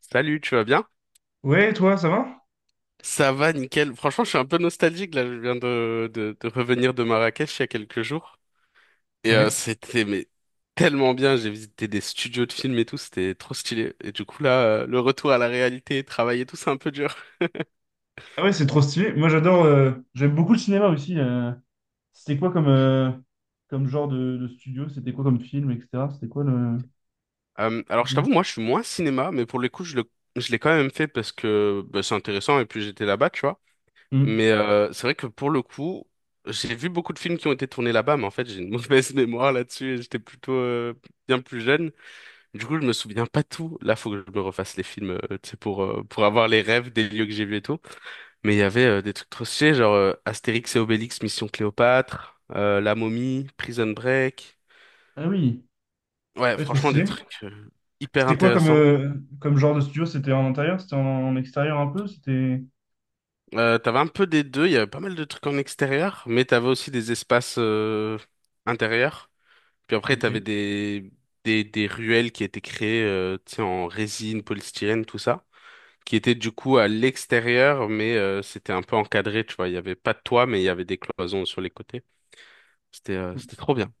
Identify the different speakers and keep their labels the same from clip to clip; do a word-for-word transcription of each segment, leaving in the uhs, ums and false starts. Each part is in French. Speaker 1: Salut, tu vas bien?
Speaker 2: Ouais, toi, ça va?
Speaker 1: Ça va, nickel. Franchement, je suis un peu nostalgique là. Je viens de, de, de revenir de Marrakech il y a quelques jours. Et euh,
Speaker 2: Ouais.
Speaker 1: c'était mais tellement bien. J'ai visité des studios de films et tout. C'était trop stylé. Et du coup, là, euh, le retour à la réalité, travailler et tout, c'est un peu dur.
Speaker 2: Ah ouais, c'est trop stylé. Moi, j'adore. euh, j'aime beaucoup le cinéma aussi. euh. C'était quoi comme, euh, comme genre de, de studio? C'était quoi comme film, et cetera. C'était quoi le.
Speaker 1: Euh, alors, je t'avoue, moi, je suis moins cinéma, mais pour le coup, je le, je l'ai quand même fait parce que bah, c'est intéressant. Et puis, j'étais là-bas, tu vois.
Speaker 2: Hum.
Speaker 1: Mais euh, c'est vrai que pour le coup, j'ai vu beaucoup de films qui ont été tournés là-bas, mais en fait, j'ai une mauvaise mémoire là-dessus. et J'étais plutôt euh, bien plus jeune. Du coup, je me souviens pas tout. Là, faut que je me refasse les films, euh, tu sais, pour, euh, pour avoir les rêves des lieux que j'ai vus et tout. Mais il y avait euh, des trucs trop stylés, genre euh, Astérix et Obélix, Mission Cléopâtre, euh, La Momie, Prison Break.
Speaker 2: Ah oui.
Speaker 1: Ouais,
Speaker 2: Ouais, trop
Speaker 1: franchement, des
Speaker 2: stylé.
Speaker 1: trucs euh, hyper
Speaker 2: C'était quoi comme,
Speaker 1: intéressants.
Speaker 2: euh, comme genre de studio? C'était en intérieur? C'était en, en extérieur un peu? C'était.
Speaker 1: Euh, t'avais un peu des deux, il y avait pas mal de trucs en extérieur, mais t'avais aussi des espaces euh, intérieurs. Puis après, t'avais
Speaker 2: Ok.
Speaker 1: des, des, des ruelles qui étaient créées, euh, tu sais, en résine, polystyrène, tout ça, qui était du coup à l'extérieur, mais euh, c'était un peu encadré, tu vois. Il y avait pas de toit, mais il y avait des cloisons sur les côtés. C'était euh, c'était trop
Speaker 2: Ok.
Speaker 1: bien.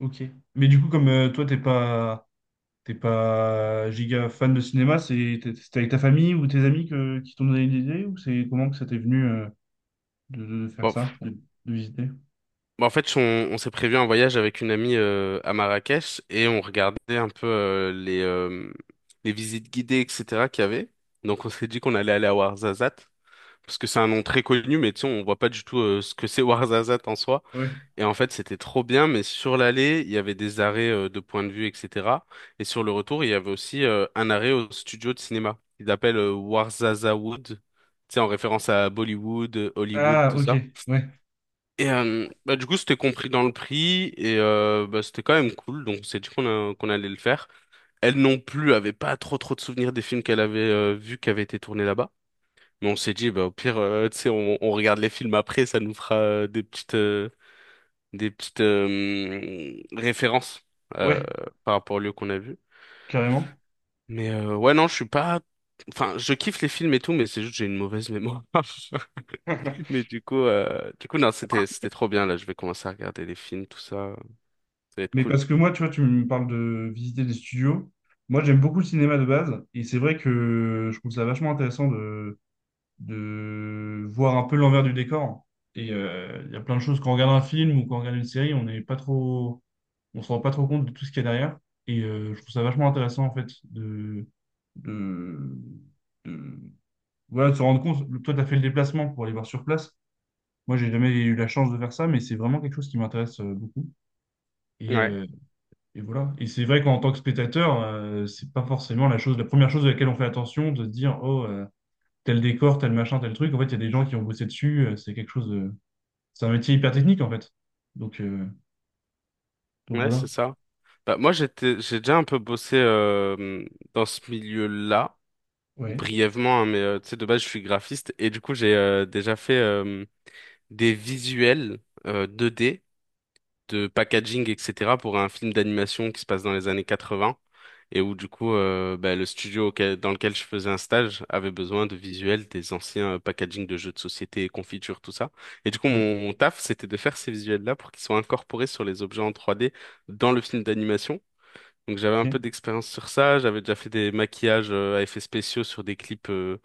Speaker 2: Ok. Mais du coup, comme euh, toi, t'es pas. T'es pas giga fan de cinéma, c'est- t'es- c'était avec ta famille ou tes amis que, qui t'ont donné l'idée ou c'est comment que ça t'est venu euh? de, de faire
Speaker 1: Bon,
Speaker 2: ça,
Speaker 1: pff.
Speaker 2: de, de visiter.
Speaker 1: Bon, en fait, on, on s'est prévu un voyage avec une amie euh, à Marrakech et on regardait un peu euh, les, euh, les visites guidées, etcétéra qu'il y avait. Donc, on s'est dit qu'on allait aller à Ouarzazate, parce que c'est un nom très connu, mais tu sais, on voit pas du tout euh, ce que c'est Ouarzazate en soi.
Speaker 2: Ouais.
Speaker 1: Et en fait, c'était trop bien, mais sur l'aller, il y avait des arrêts euh, de point de vue, etcétéra. Et sur le retour, il y avait aussi euh, un arrêt au studio de cinéma. Il appelle euh, Warzaza Wood, tu sais, en référence à Bollywood, euh, Hollywood,
Speaker 2: Ah,
Speaker 1: tout
Speaker 2: ok.
Speaker 1: ça.
Speaker 2: Ouais.
Speaker 1: Et euh, bah, du coup, c'était compris dans le prix, et euh, bah, c'était quand même cool, donc on s'est dit qu'on a- qu'on allait le faire. Elle non plus avait pas trop trop de souvenirs des films qu'elle avait euh, vus qui avaient été tournés là-bas. Mais on s'est dit, bah, au pire, euh, tu sais, on, on regarde les films après, ça nous fera euh, des petites... euh, des petites euh, références euh,
Speaker 2: Ouais,
Speaker 1: par rapport au lieu qu'on a vu.
Speaker 2: carrément.
Speaker 1: Mais euh, ouais, non, je suis pas. Enfin, je kiffe les films et tout, mais c'est juste que j'ai une mauvaise mémoire. Mais du coup, euh, du coup, non, c'était c'était trop bien là. Je vais commencer à regarder les films, tout ça. Ça va être
Speaker 2: Mais
Speaker 1: cool.
Speaker 2: parce que moi, tu vois, tu me parles de visiter des studios. Moi, j'aime beaucoup le cinéma de base. Et c'est vrai que je trouve ça vachement intéressant de, de voir un peu l'envers du décor. Et euh, il y a plein de choses. Quand on regarde un film ou quand on regarde une série, on n'est pas trop, on se rend pas trop compte de tout ce qu'il y a derrière. Et euh, je trouve ça vachement intéressant, en fait, de, de, de- voilà, de se rendre compte. Toi, tu as fait le déplacement pour aller voir sur place. Moi, j'ai jamais eu la chance de faire ça, mais c'est vraiment quelque chose qui m'intéresse euh, beaucoup. Et,
Speaker 1: Ouais,
Speaker 2: euh, et voilà. Et c'est vrai qu'en tant que spectateur, euh, c'est pas forcément la chose, la première chose à laquelle on fait attention, de se dire, oh, euh, tel décor, tel machin, tel truc. En fait, il y a des gens qui ont bossé dessus. euh, c'est quelque chose de... C'est un métier hyper technique, en fait. Donc, euh, donc
Speaker 1: ouais,
Speaker 2: voilà.
Speaker 1: c'est ça. Bah moi, j'étais, j'ai déjà un peu bossé euh, dans ce milieu-là,
Speaker 2: Ouais.
Speaker 1: brièvement, hein, mais euh, tu sais, de base, je suis graphiste et du coup, j'ai euh, déjà fait euh, des visuels euh, deux D de packaging, etcétéra pour un film d'animation qui se passe dans les années quatre-vingts et où du coup euh, bah, le studio auquel- dans lequel je faisais un stage avait besoin de visuels des anciens euh, packaging de jeux de société, confitures, tout ça. Et du coup
Speaker 2: Ouais.
Speaker 1: mon, mon taf c'était de faire ces visuels-là pour qu'ils soient incorporés sur les objets en trois D dans le film d'animation. Donc j'avais un
Speaker 2: Ok.
Speaker 1: peu d'expérience sur ça, j'avais déjà fait des maquillages euh, à effets spéciaux sur des clips euh,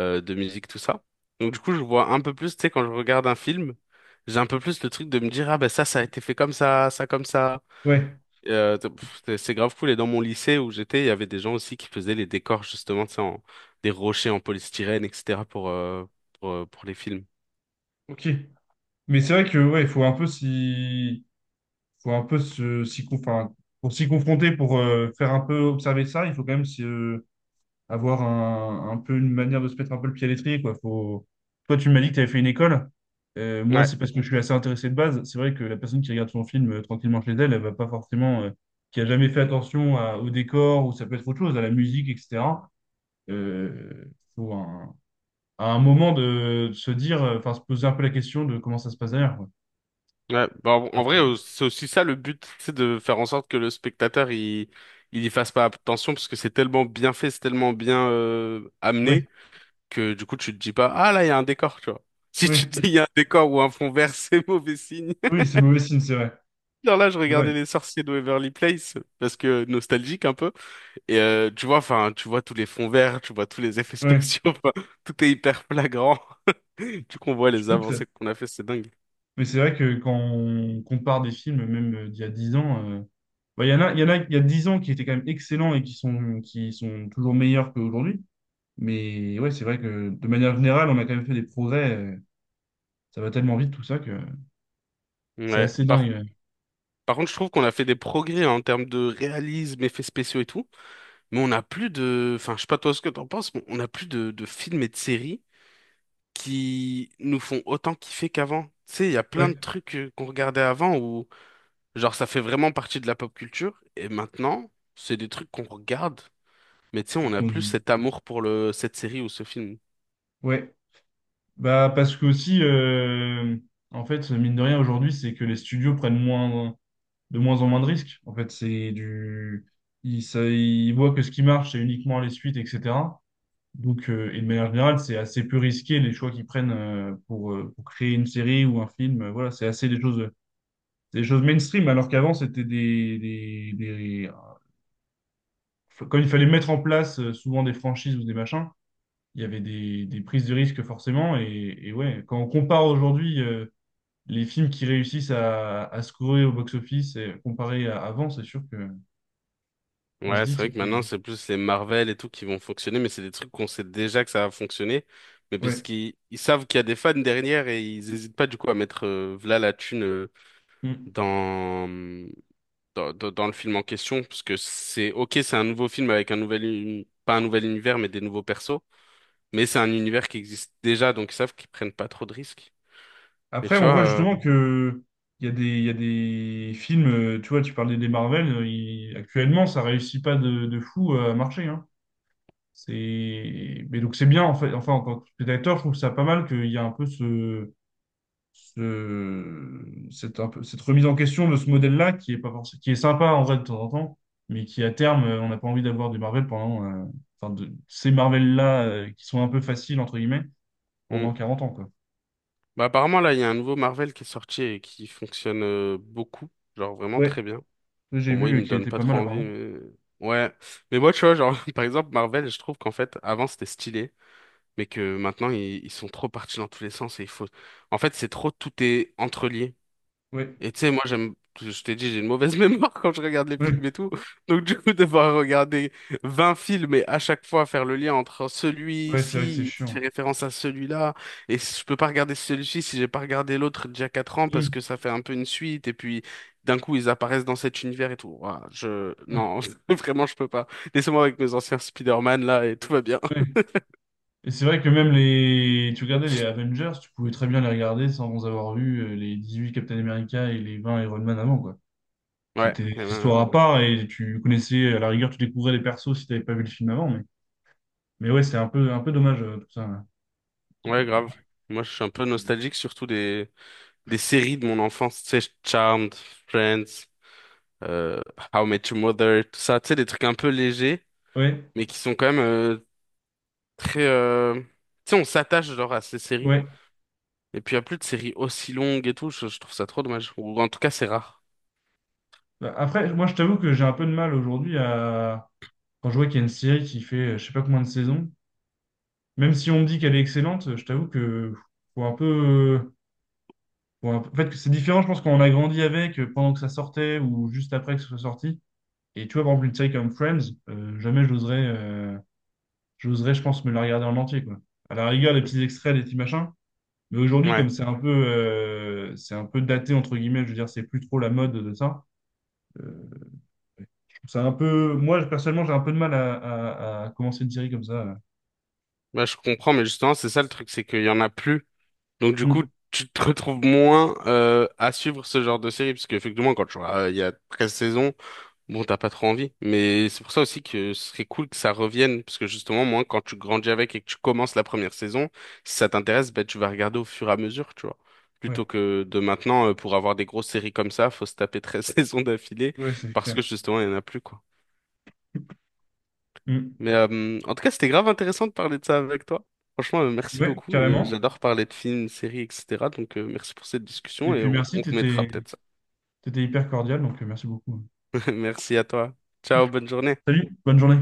Speaker 1: euh, de musique, tout ça. Donc du coup, je vois un peu plus, tu sais, quand je regarde un film, j'ai un peu plus le truc de me dire, ah ben ça, ça a été fait comme ça, ça comme ça.
Speaker 2: Ouais.
Speaker 1: Et, euh, t- pff, c'est c'est grave cool. Et dans mon lycée où j'étais, il y avait des gens aussi qui faisaient les décors, justement, tu sais, en, des rochers en polystyrène, etcétéra pour, euh, pour, euh, pour les films.
Speaker 2: Ok. Mais c'est vrai que, ouais, il faut un peu s'y... faut un peu se, s'y, con- enfin, pour s'y confronter, pour euh, faire un peu observer ça, il faut quand même se avoir un, un peu une manière de se mettre un peu le pied à l'étrier, quoi. Faut... Toi, tu m'as dit que tu avais fait une école. Euh, moi,
Speaker 1: Ouais,
Speaker 2: c'est parce que je suis assez intéressé de base. C'est vrai que la personne qui regarde son film euh, tranquillement chez elle, elle va pas forcément, euh, qui a jamais fait attention à- au décor ou ça peut être autre chose, à la musique, et cetera. Euh, faut un, à un moment de, de se dire, euh, enfin, se poser un peu la question de comment ça se passe derrière, quoi.
Speaker 1: Ouais, bah, en en
Speaker 2: Après,
Speaker 1: vrai,
Speaker 2: de-
Speaker 1: euh, c'est aussi ça le but, c'est de faire en sorte que le spectateur il il y fasse pas attention parce que c'est tellement bien fait, c'est tellement bien euh,
Speaker 2: Ouais,
Speaker 1: amené que du coup tu te dis pas ah là il y a un décor, tu vois. Si tu
Speaker 2: ouais,
Speaker 1: te dis il y a un décor ou un fond vert, c'est mauvais signe.
Speaker 2: oui, c'est mauvais signe, c'est vrai.
Speaker 1: Genre là, je
Speaker 2: C'est vrai.
Speaker 1: regardais Les Sorciers de Waverly Place parce que nostalgique un peu et euh, tu vois, enfin, tu vois tous les fonds verts, tu vois tous les effets
Speaker 2: Ouais.
Speaker 1: spéciaux, enfin, tout est hyper flagrant. Du coup, on voit les avancées qu'on a fait, c'est dingue.
Speaker 2: Mais c'est vrai que quand on compare des films, même euh, d'il y a dix ans, euh, bah, il y en a, il y en a, il y a dix ans qui étaient quand même excellents et qui sont, qui sont toujours meilleurs qu'aujourd'hui. Mais ouais, c'est vrai que de manière générale, on a quand même fait des progrès. euh, ça va tellement vite tout ça que c'est
Speaker 1: Ouais,
Speaker 2: assez
Speaker 1: par
Speaker 2: dingue.
Speaker 1: Par contre, je trouve qu'on a fait des progrès en termes de réalisme, effets spéciaux et tout, mais on n'a plus de... Enfin, je sais pas toi ce que t'en penses, mais on n'a plus de, de films et de séries qui nous font autant kiffer qu'avant. Tu sais, il y a
Speaker 2: Ouais.
Speaker 1: plein
Speaker 2: Ouais.
Speaker 1: de trucs euh, qu'on regardait avant où, genre, ça fait vraiment partie de la pop culture, et maintenant, c'est des trucs qu'on regarde, mais tu sais,
Speaker 2: Et
Speaker 1: on n'a
Speaker 2: qu'on...
Speaker 1: plus cet amour pour le... cette série ou ce film.
Speaker 2: Ouais. Bah, parce que aussi, euh, en fait, mine de rien, aujourd'hui, c'est que les studios prennent moins, de moins en moins de risques. En fait, c'est du... Ils, ça- ils voient que ce qui marche, c'est uniquement les suites, et cetera. Donc, euh, et de manière générale, c'est assez peu risqué les choix qu'ils prennent euh, pour, euh, pour créer une série ou un film. Euh, voilà, c'est assez des choses, c'est des choses mainstream, alors qu'avant, c'était des, des, des- quand il fallait mettre en place euh, souvent des franchises ou des machins, il y avait des, des prises de risques forcément. Et, et ouais, quand on compare aujourd'hui euh, les films qui réussissent à, à scorer au box-office et comparé à avant, c'est sûr que on se
Speaker 1: Ouais,
Speaker 2: dit
Speaker 1: c'est
Speaker 2: que
Speaker 1: vrai que
Speaker 2: c'était...
Speaker 1: maintenant, c'est plus les Marvel et tout qui vont fonctionner, mais c'est des trucs qu'on sait déjà que ça va fonctionner. Mais parce
Speaker 2: Ouais.
Speaker 1: qu'ils ils savent qu'il y a des fans derrière et ils hésitent pas du coup à mettre euh, v'là la thune euh,
Speaker 2: Mm.
Speaker 1: dans, dans, dans, dans le film en question. Parce que c'est ok, c'est un nouveau film avec un nouvel, uni- pas un nouvel univers, mais des nouveaux persos. Mais c'est un univers qui existe déjà, donc ils savent qu'ils prennent pas trop de risques. Et
Speaker 2: Après,
Speaker 1: tu
Speaker 2: on
Speaker 1: vois,
Speaker 2: voit
Speaker 1: euh,
Speaker 2: justement que il y a des, il y a des films, euh, tu vois, tu parlais des Marvel, euh, il- actuellement, ça réussit pas de, de fou euh, à marcher, hein. C'est, mais donc c'est bien, en fait, enfin, en tant que spectateur, je trouve ça pas mal qu'il y a un peu ce, ce- cette, un peu, cette remise en question de ce modèle-là qui est pas forcément, qui est sympa en vrai de temps en temps, mais qui à terme, euh, on n'a pas envie d'avoir des Marvel pendant, euh, enfin, de, ces Marvel-là, euh, qui sont un peu faciles, entre guillemets, pendant
Speaker 1: on-
Speaker 2: quarante ans, quoi.
Speaker 1: bah, apparemment là, il y a un nouveau Marvel qui est sorti et qui fonctionne euh, beaucoup, genre vraiment
Speaker 2: Ouais,
Speaker 1: très bien.
Speaker 2: ça, j'ai
Speaker 1: Bon, moi, il
Speaker 2: vu
Speaker 1: me
Speaker 2: qu'il
Speaker 1: donne
Speaker 2: était
Speaker 1: pas
Speaker 2: pas mal
Speaker 1: trop envie,
Speaker 2: apparemment.
Speaker 1: mais... Ouais. Mais moi, tu vois, genre, par exemple, Marvel, je trouve qu'en fait, avant, c'était stylé, mais que maintenant, ils, ils sont trop partis dans tous les sens et il faut... En fait, c'est trop, tout est entrelié.
Speaker 2: Ouais.
Speaker 1: Et tu sais, moi, j'aime, je t'ai dit, j'ai une mauvaise mémoire quand je regarde les
Speaker 2: Ouais,
Speaker 1: films et tout. Donc, du coup, devoir regarder vingt films et à chaque fois faire le lien entre
Speaker 2: ouais, c'est vrai que c'est
Speaker 1: celui-ci qui fait
Speaker 2: chiant.
Speaker 1: référence à celui-là. Et je peux pas regarder celui-ci si j'ai pas regardé l'autre d'il y a quatre ans parce
Speaker 2: Mm.
Speaker 1: que ça fait un peu une suite. Et puis, d'un coup, ils apparaissent dans cet univers et tout. Ouah, je,
Speaker 2: Ah,
Speaker 1: non, vraiment, je peux pas. Laissez-moi avec mes anciens Spider-Man là et tout va bien.
Speaker 2: ouais. Et c'est vrai que même les. Tu regardais les Avengers, tu pouvais très bien les regarder sans avoir vu euh, les dix-huit Captain America et les vingt Iron Man avant, quoi.
Speaker 1: Ouais,
Speaker 2: C'était des
Speaker 1: eh
Speaker 2: histoires à
Speaker 1: ben,
Speaker 2: part et tu connaissais, à la rigueur, tu découvrais les persos si t'avais pas vu le film avant, mais, mais ouais, c'est un peu, un peu dommage euh, tout ça, là.
Speaker 1: ouais,
Speaker 2: Et-
Speaker 1: grave. Moi, je suis un peu nostalgique, surtout des, des séries de mon enfance, tu sais, Charmed, Friends, euh, How I Met Your Mother, tout ça, tu sais, des trucs un peu légers,
Speaker 2: Ouais,
Speaker 1: mais qui sont quand même euh, très... euh, Tu sais, on s'attache genre à ces séries.
Speaker 2: ouais.
Speaker 1: Et puis, il n'y a plus de séries aussi longues et tout, je, je trouve ça trop dommage. Ou en tout cas, c'est rare.
Speaker 2: Bah, après, moi, je t'avoue que j'ai un peu de mal aujourd'hui à. Quand je vois qu'il y a une série qui fait euh, je sais pas combien de saisons, même si on me dit qu'elle est excellente, je t'avoue que faut un peu. Ou un- En fait, que c'est différent, je pense, quand on a grandi avec, euh, pendant que ça sortait ou juste après que ce soit sorti. Et tu vois, par exemple, une série comme Friends, euh, jamais j'oserais, euh, j'oserais, je pense, me la regarder en entier, quoi. À la rigueur, les petits extraits, les petits machins. Mais aujourd'hui, comme
Speaker 1: Ouais,
Speaker 2: c'est un peu, euh, c'est un peu daté, entre guillemets, je veux dire, c'est plus trop la mode de ça. Euh, je trouve ça un peu, moi, personnellement, j'ai un peu de mal à, à- à commencer une série comme ça.
Speaker 1: bah, je comprends, mais justement, c'est ça le truc, c'est qu'il y en a plus. Donc, du
Speaker 2: Mm.
Speaker 1: coup, tu te retrouves moins euh, à suivre ce genre de série, parce qu'effectivement, quand tu vois, euh, il y a treize saisons. Bon, t'as pas trop envie, mais c'est pour ça aussi que ce serait cool que ça revienne, parce que justement, moi, quand tu grandis avec et que tu commences la première saison, si ça t'intéresse, ben, tu vas regarder au fur et à mesure, tu vois.
Speaker 2: Ouais,
Speaker 1: Plutôt que de maintenant, euh, pour avoir des grosses séries comme ça, faut se taper treize saisons d'affilée,
Speaker 2: ouais, c'est
Speaker 1: parce
Speaker 2: clair.
Speaker 1: que justement, il y en a plus, quoi.
Speaker 2: Mm.
Speaker 1: Mais euh, en tout cas, c'était grave intéressant de parler de ça avec toi. Franchement, euh, merci
Speaker 2: Ouais,
Speaker 1: beaucoup. Euh,
Speaker 2: carrément.
Speaker 1: J'adore parler de films, séries, etcétéra. Donc, euh, merci pour cette
Speaker 2: Et
Speaker 1: discussion et
Speaker 2: puis
Speaker 1: on
Speaker 2: merci,
Speaker 1: on remettra
Speaker 2: t'étais,
Speaker 1: peut-être ça.
Speaker 2: t'étais hyper cordial, donc euh, merci beaucoup.
Speaker 1: Merci à toi. Ciao, bonne journée.
Speaker 2: Salut, bonne journée.